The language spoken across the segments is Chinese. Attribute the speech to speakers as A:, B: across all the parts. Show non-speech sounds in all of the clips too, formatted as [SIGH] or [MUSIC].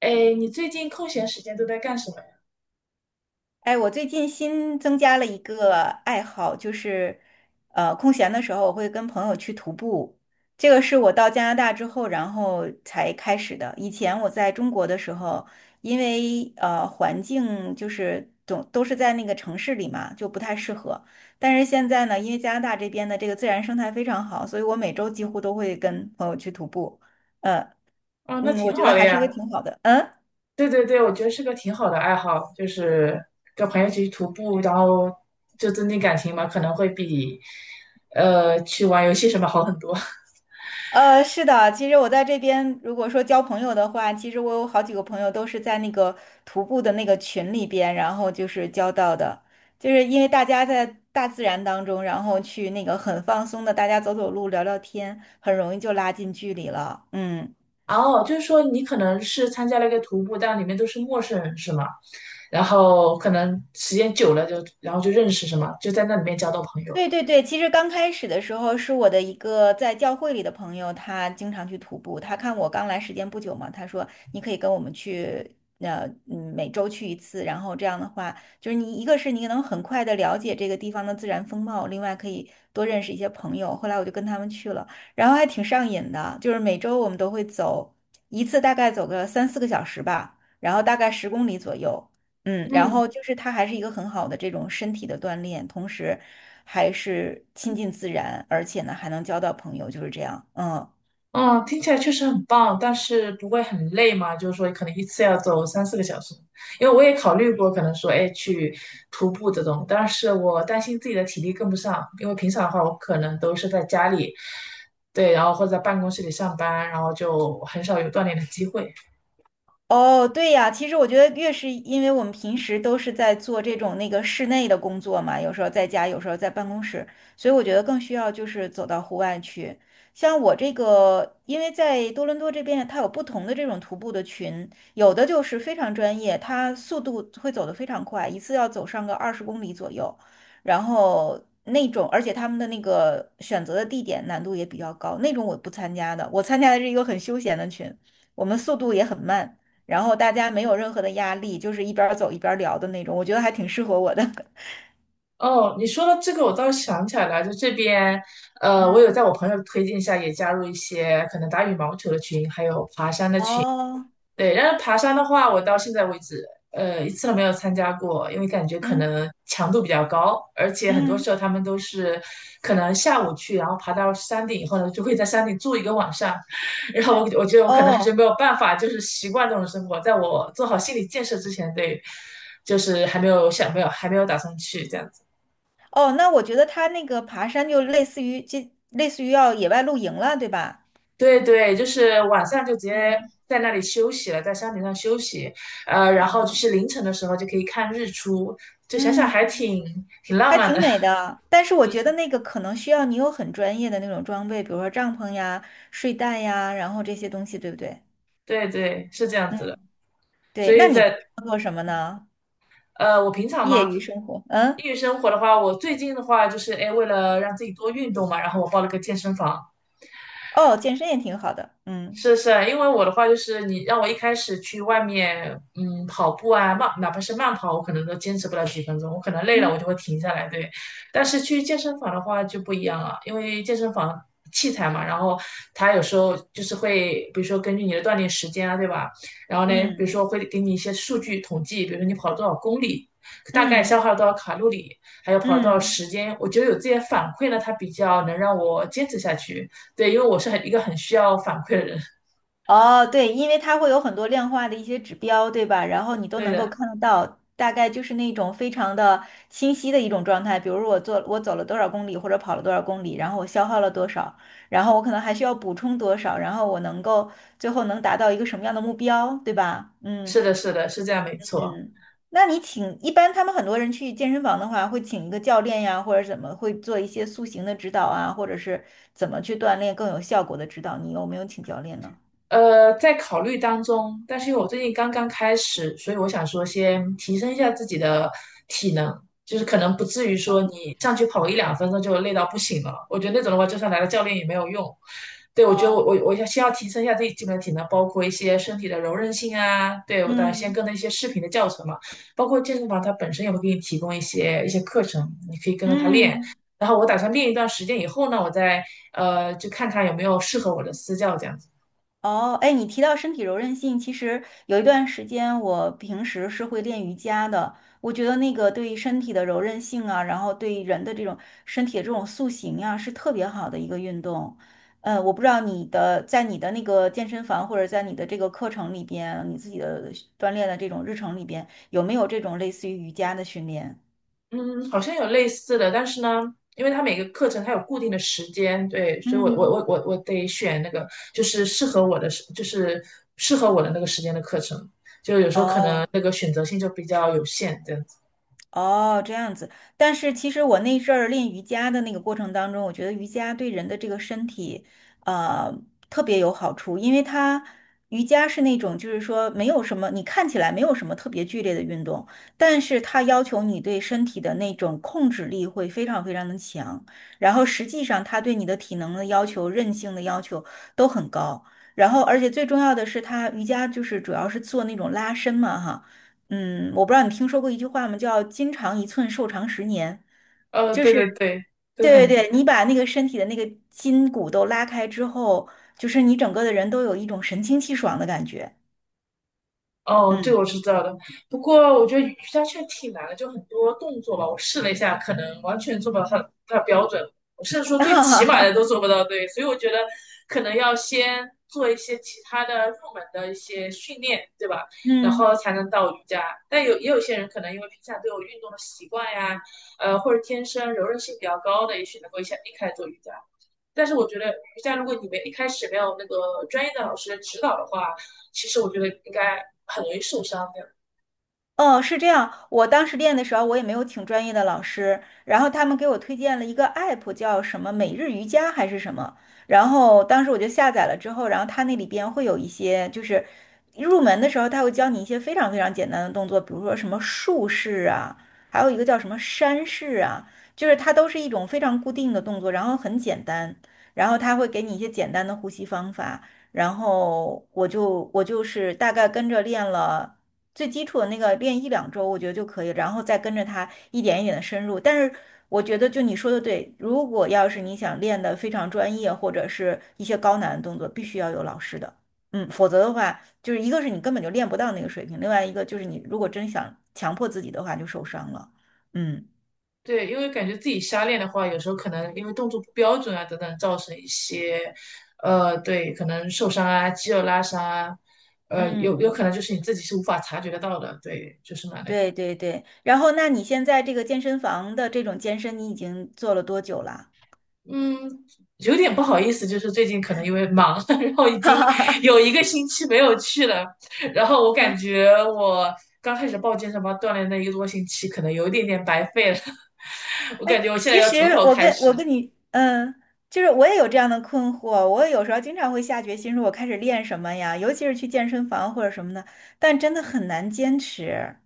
A: 哎，你最近空闲时间都在干什么呀？
B: 哎，我最近新增加了一个爱好，就是，空闲的时候我会跟朋友去徒步。这个是我到加拿大之后，然后才开始的。以前我在中国的时候，因为环境就是总都是在那个城市里嘛，就不太适合。但是现在呢，因为加拿大这边的这个自然生态非常好，所以我每周几乎都会跟朋友去徒步。呃，
A: 哦，那
B: 嗯，我
A: 挺
B: 觉得
A: 好的
B: 还是
A: 呀。
B: 一个挺好的。嗯。
A: 对对对，我觉得是个挺好的爱好，就是跟朋友一起去徒步，然后就增进感情嘛，可能会比去玩游戏什么好很多。
B: 是的，其实我在这边，如果说交朋友的话，其实我有好几个朋友都是在那个徒步的那个群里边，然后就是交到的，就是因为大家在大自然当中，然后去那个很放松的，大家走走路、聊聊天，很容易就拉近距离了。嗯。
A: [LAUGHS] 哦，就是说你可能是参加了一个徒步，但里面都是陌生人是吗？然后可能时间久了就，然后就认识什么，就在那里面交到朋友。
B: 对对对，其实刚开始的时候是我的一个在教会里的朋友，他经常去徒步。他看我刚来时间不久嘛，他说你可以跟我们去，每周去一次。然后这样的话，就是你一个是你能很快的了解这个地方的自然风貌，另外可以多认识一些朋友。后来我就跟他们去了，然后还挺上瘾的，就是每周我们都会走一次，大概走个三四个小时吧，然后大概十公里左右。然
A: 嗯，
B: 后就是它还是一个很好的这种身体的锻炼，同时还是亲近自然，而且呢还能交到朋友，就是这样。嗯，
A: 嗯，听起来确实很棒，但是不会很累嘛？就是说，可能一次要走3、4个小时，因为我也考虑过，可能说，哎，去徒步这种，但是我担心自己的体力跟不上，因为平常的话，我可能都是在家里，对，然后或者在办公室里上班，然后就很少有锻炼的机会。
B: 哦，对呀，其实我觉得越是因为我们平时都是在做这种那个室内的工作嘛，有时候在家，有时候在办公室，所以我觉得更需要就是走到户外去。像我这个，因为在多伦多这边，它有不同的这种徒步的群，有的就是非常专业，它速度会走得非常快，一次要走上个20公里左右，然后那种，而且他们的那个选择的地点难度也比较高，那种我不参加的，我参加的是一个很休闲的群，我们速度也很慢。然后大家没有任何的压力，就是一边儿走一边儿聊的那种，我觉得还挺适合我的。[LAUGHS]
A: 哦，你说到这个，我倒是想起来了，就这边，我有
B: 嗯，
A: 在我朋友推荐下也加入一些可能打羽毛球的群，还有爬山的群。
B: 哦，
A: 对，然后爬山的话，我到现在为止，一次都没有参加过，因为感觉可
B: 嗯
A: 能强度比较高，而且很多时
B: 嗯，
A: 候他们都是可能下午去，然后爬到山顶以后呢，就会在山顶住一个晚上。[LAUGHS] 然后我觉得我可能还是
B: 哦
A: 没有办法，就是习惯这种生活，在我做好心理建设之前，对，就是还没有打算去这样。
B: 哦，那我觉得他那个爬山就类似于这，类似于要野外露营了，对吧？
A: 对对，就是晚上就直接
B: 嗯，
A: 在那里休息了，在山顶上休息，然后就
B: 啊，
A: 是凌晨的时候就可以看日出，就想想还
B: 嗯，
A: 挺浪
B: 还
A: 漫
B: 挺
A: 的。
B: 美的。但是我觉得
A: [LAUGHS]
B: 那个可能需要你有很专业的那种装备，比如说帐篷呀、睡袋呀，然后这些东西，对不对？
A: 对对，是这样
B: 嗯，
A: 子的。所
B: 对。那
A: 以
B: 你平
A: 在
B: 常做什么呢？
A: 我平常
B: 业
A: 嘛，
B: 余生活，嗯，
A: 业余生活的话，我最近的话就是，哎，为了让自己多运动嘛，然后我报了个健身房。
B: 哦，健身也挺好的，嗯。
A: 是是，因为我的话就是你让我一开始去外面，跑步啊，慢，哪怕是慢跑，我可能都坚持不了几分钟，我可能累了我
B: 嗯。
A: 就会停下来，对。但是去健身房的话就不一样了，因为健身房器材嘛，然后它有时候就是会，比如说根据你的锻炼时间啊，对吧？然后呢，比如
B: 嗯
A: 说会给你一些数据统计，比如说你跑了多少公里，大概消
B: 嗯
A: 耗了多少卡路里，还有跑了多少
B: 嗯，
A: 时间，我觉得有这些反馈呢，它比较能让我坚持下去。对，因为我是一个很需要反馈的人。
B: 哦，对，因为它会有很多量化的一些指标，对吧？然后你都
A: 对
B: 能够
A: 的，
B: 看得到，大概就是那种非常的清晰的一种状态。比如说我走了多少公里，或者跑了多少公里，然后我消耗了多少，然后我可能还需要补充多少，然后我能够最后能达到一个什么样的目标，对吧？
A: 是
B: 嗯。
A: 的，是的，是这样，没错。
B: 嗯，那你请，一般他们很多人去健身房的话，会请一个教练呀，或者怎么，会做一些塑形的指导啊，或者是怎么去锻炼更有效果的指导，你有没有请教练呢？
A: 在考虑当中，但是因为我最近刚刚开始，所以我想说先提升一下自己的体能，就是可能不至于说
B: 啊，
A: 你上去跑个1、2分钟就累到不行了。我觉得那种的话，就算来了教练也没有用。对，我觉得我
B: 哦，
A: 我我要先要提升一下自己基本的体能，包括一些身体的柔韧性啊。对，我当然先
B: 嗯
A: 跟着一些视频的教程嘛，包括健身房它本身也会给你提供一些课程，你可以跟着它练。
B: 嗯。
A: 然后我打算练一段时间以后呢，我再就看看有没有适合我的私教这样子。
B: 哦，哎，你提到身体柔韧性，其实有一段时间我平时是会练瑜伽的。我觉得那个对身体的柔韧性啊，然后对人的这种身体的这种塑形呀，是特别好的一个运动。我不知道在你的那个健身房或者在你的这个课程里边，你自己的锻炼的这种日程里边，有没有这种类似于瑜伽的训练？
A: 嗯，好像有类似的，但是呢，因为它每个课程它有固定的时间，对，所以我我
B: 嗯。
A: 我我我得选那个就是适合我的那个时间的课程，就有时候可能
B: 哦。
A: 那个选择性就比较有限，这样子。
B: 哦，这样子。但是其实我那阵儿练瑜伽的那个过程当中，我觉得瑜伽对人的这个身体，呃，特别有好处，因为它瑜伽是那种就是说没有什么，你看起来没有什么特别剧烈的运动，但是它要求你对身体的那种控制力会非常非常的强，然后实际上它对你的体能的要求、韧性的要求都很高。然后，而且最重要的是，它瑜伽就是主要是做那种拉伸嘛，哈。嗯，我不知道你听说过一句话吗？叫“筋长一寸，寿长十年”，就
A: 对
B: 是
A: 对对，都
B: 对对
A: 很。
B: 对，你把那个身体的那个筋骨都拉开之后，就是你整个的人都有一种神清气爽的感觉。
A: 哦，这
B: 嗯，
A: 个我是知道的。不过我觉得瑜伽确实挺难的，就很多动作吧，我试了一下，可能完全做不到它的标准。我甚至说最起码的都做
B: [LAUGHS]
A: 不到，对。所以我觉得可能要先做一些其他的入门的一些训练，对吧？然
B: 嗯，
A: 后才能到瑜伽。但也有些人可能因为平常都有运动的习惯呀，或者天生柔韧性比较高的，也许能够一下一开始做瑜伽。但是我觉得瑜伽，如果你们一开始没有那个专业的老师的指导的话，其实我觉得应该很容易受伤的。
B: 哦，是这样。我当时练的时候，我也没有请专业的老师，然后他们给我推荐了一个 app，叫什么每日瑜伽还是什么。然后当时我就下载了之后，然后它那里边会有一些，就是入门的时候，它会教你一些非常非常简单的动作，比如说什么竖式啊，还有一个叫什么山式啊，就是它都是一种非常固定的动作，然后很简单，然后它会给你一些简单的呼吸方法。然后我就是大概跟着练了。最基础的那个练一两周，我觉得就可以，然后再跟着他一点一点的深入。但是我觉得，就你说的对，如果要是你想练的非常专业，或者是一些高难的动作，必须要有老师的，嗯，否则的话，就是一个是你根本就练不到那个水平，另外一个就是你如果真想强迫自己的话，就受伤了，嗯。
A: 对，因为感觉自己瞎练的话，有时候可能因为动作不标准啊等等，造成一些，对，可能受伤啊、肌肉拉伤啊，有可能
B: 嗯，
A: 就是你自己是无法察觉得到的，对，就是蛮那个。
B: 对对对，然后那你现在这个健身房的这种健身，你已经做了多久啦？
A: 嗯，有点不好意思，就是最近可能因为忙。[LAUGHS] 然后已
B: [LAUGHS]
A: 经
B: 哈哈
A: 有一个星期没有去了。然后我
B: 哈
A: 感觉我刚开始报健身房锻炼那一个多星期，可能有一点点白费了。[LAUGHS] 我
B: 哎，
A: 感觉我现在
B: 其
A: 要
B: 实
A: 从头
B: 我
A: 开
B: 跟
A: 始，
B: 你，嗯，就是我也有这样的困惑，我有时候经常会下决心说，我开始练什么呀，尤其是去健身房或者什么的，但真的很难坚持。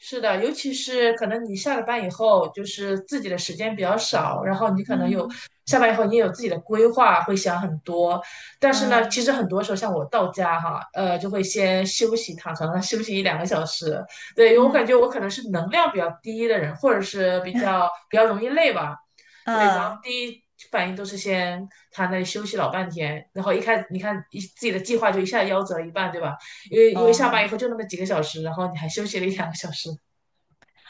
A: 是的，尤其是可能你下了班以后，就是自己的时间比较少，然后你可能有
B: 嗯
A: 下班以后你也有自己的规划，会想很多。但是呢，其
B: 嗯
A: 实很多时候像我到家哈，就会先休息，躺床上休息一两个小时。对，因为我
B: 嗯
A: 感觉我可能是能量比较低的人，或者是比较比较容易累吧。对，然后
B: 嗯，
A: 第一反应都是先躺那里休息老半天，然后一开始你看一自己的计划就一下夭折一半，对吧？因为下班以
B: 哦。
A: 后就那么几个小时，然后你还休息了一两个小时。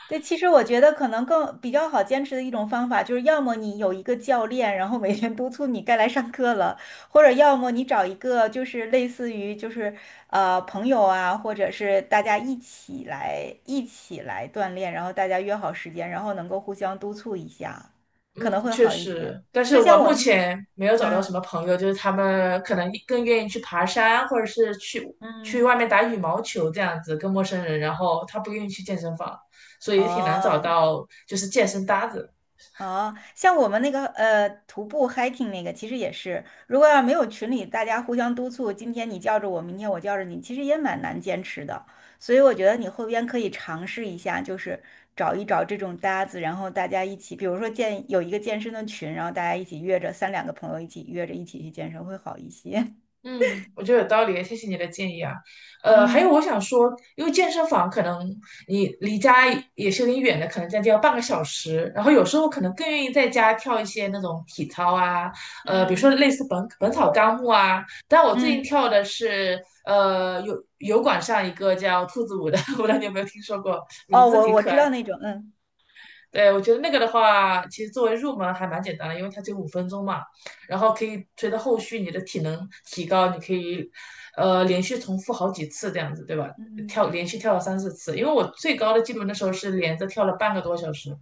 B: 对，其实我觉得可能更比较好坚持的一种方法，就是要么你有一个教练，然后每天督促你该来上课了，或者要么你找一个就是类似于就是朋友啊，或者是大家一起来锻炼，然后大家约好时间，然后能够互相督促一下，可能
A: 嗯，
B: 会
A: 确
B: 好一点。
A: 实，但
B: 就
A: 是我
B: 像我
A: 目
B: 那个，
A: 前没有找到什
B: 嗯
A: 么朋友，就是他们可能更愿意去爬山，或者是去
B: 嗯，
A: 外面打羽毛球这样子，跟陌生人，然后他不愿意去健身房，所以也挺难找
B: 哦。
A: 到就是健身搭子。
B: 哦，像我们那个徒步 hiking 那个，其实也是，如果要没有群里大家互相督促，今天你叫着我，明天我叫着你，其实也蛮难坚持的。所以我觉得你后边可以尝试一下，就是找一找这种搭子，然后大家一起，比如说建有一个健身的群，然后大家一起约着三两个朋友一起约着一起去健身会好一些。
A: 嗯，我觉得有道理，谢谢你的建议啊。
B: [LAUGHS]
A: 还有
B: 嗯
A: 我想说，因为健身房可能你离家也是有点远的，可能将近要半个小时。然后有时候可能更愿意在家跳一些那种体操啊，比如说
B: 嗯
A: 类似《本草纲目》啊。但我最近
B: 嗯，
A: 跳的是有油管上一个叫兔子舞的。[LAUGHS] 我不知道你有没有听说过，名
B: 哦，
A: 字
B: 我
A: 挺
B: 我
A: 可
B: 知道
A: 爱。
B: 那种，嗯
A: 对，我觉得那个的话，其实作为入门还蛮简单的，因为它只有5分钟嘛，然后可以随着后续你的体能提高，你可以连续重复好几次这样子，对吧？
B: 嗯，
A: 连续跳了3、4次，因为我最高的记录那时候是连着跳了半个多小时，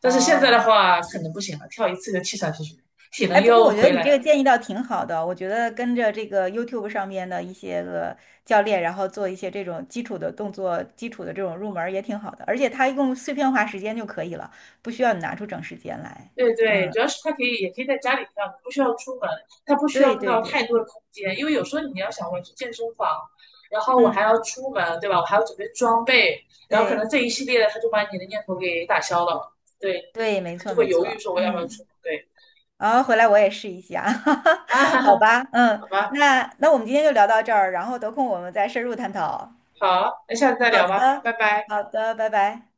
A: 但是现在的
B: 哦。
A: 话可能不行了，跳一次就气喘吁吁，体能
B: 哎，不过
A: 又
B: 我觉得
A: 回
B: 你
A: 来
B: 这
A: 了。
B: 个建议倒挺好的，我觉得跟着这个 YouTube 上面的一些个教练，然后做一些这种基础的动作、基础的这种入门儿也挺好的，而且它用碎片化时间就可以了，不需要你拿出整时间来。
A: 对对，
B: 嗯，
A: 主要是它可以，也可以在家里跳，你不需要出门，它不需要
B: 对
A: 用
B: 对
A: 到太
B: 对，
A: 多的空间，因为有时候你要想我去健身房，然后我还要
B: 嗯，
A: 出门，对吧？我还要准备装备，然后可能
B: 对
A: 这一系列的，它就把你的念头给打消了，对，
B: 对，
A: 你可
B: 没
A: 能就
B: 错
A: 会
B: 没
A: 犹豫
B: 错，
A: 说我要不要出
B: 嗯，
A: 门，对。
B: 然后回来我也试一下，
A: [LAUGHS]
B: [LAUGHS]
A: 啊，
B: 好吧，嗯，
A: 好吧，
B: 那我们今天就聊到这儿，然后得空我们再深入探讨。
A: 好，那下次再
B: 好
A: 聊吧，拜
B: 的，
A: 拜。
B: 好的，拜拜。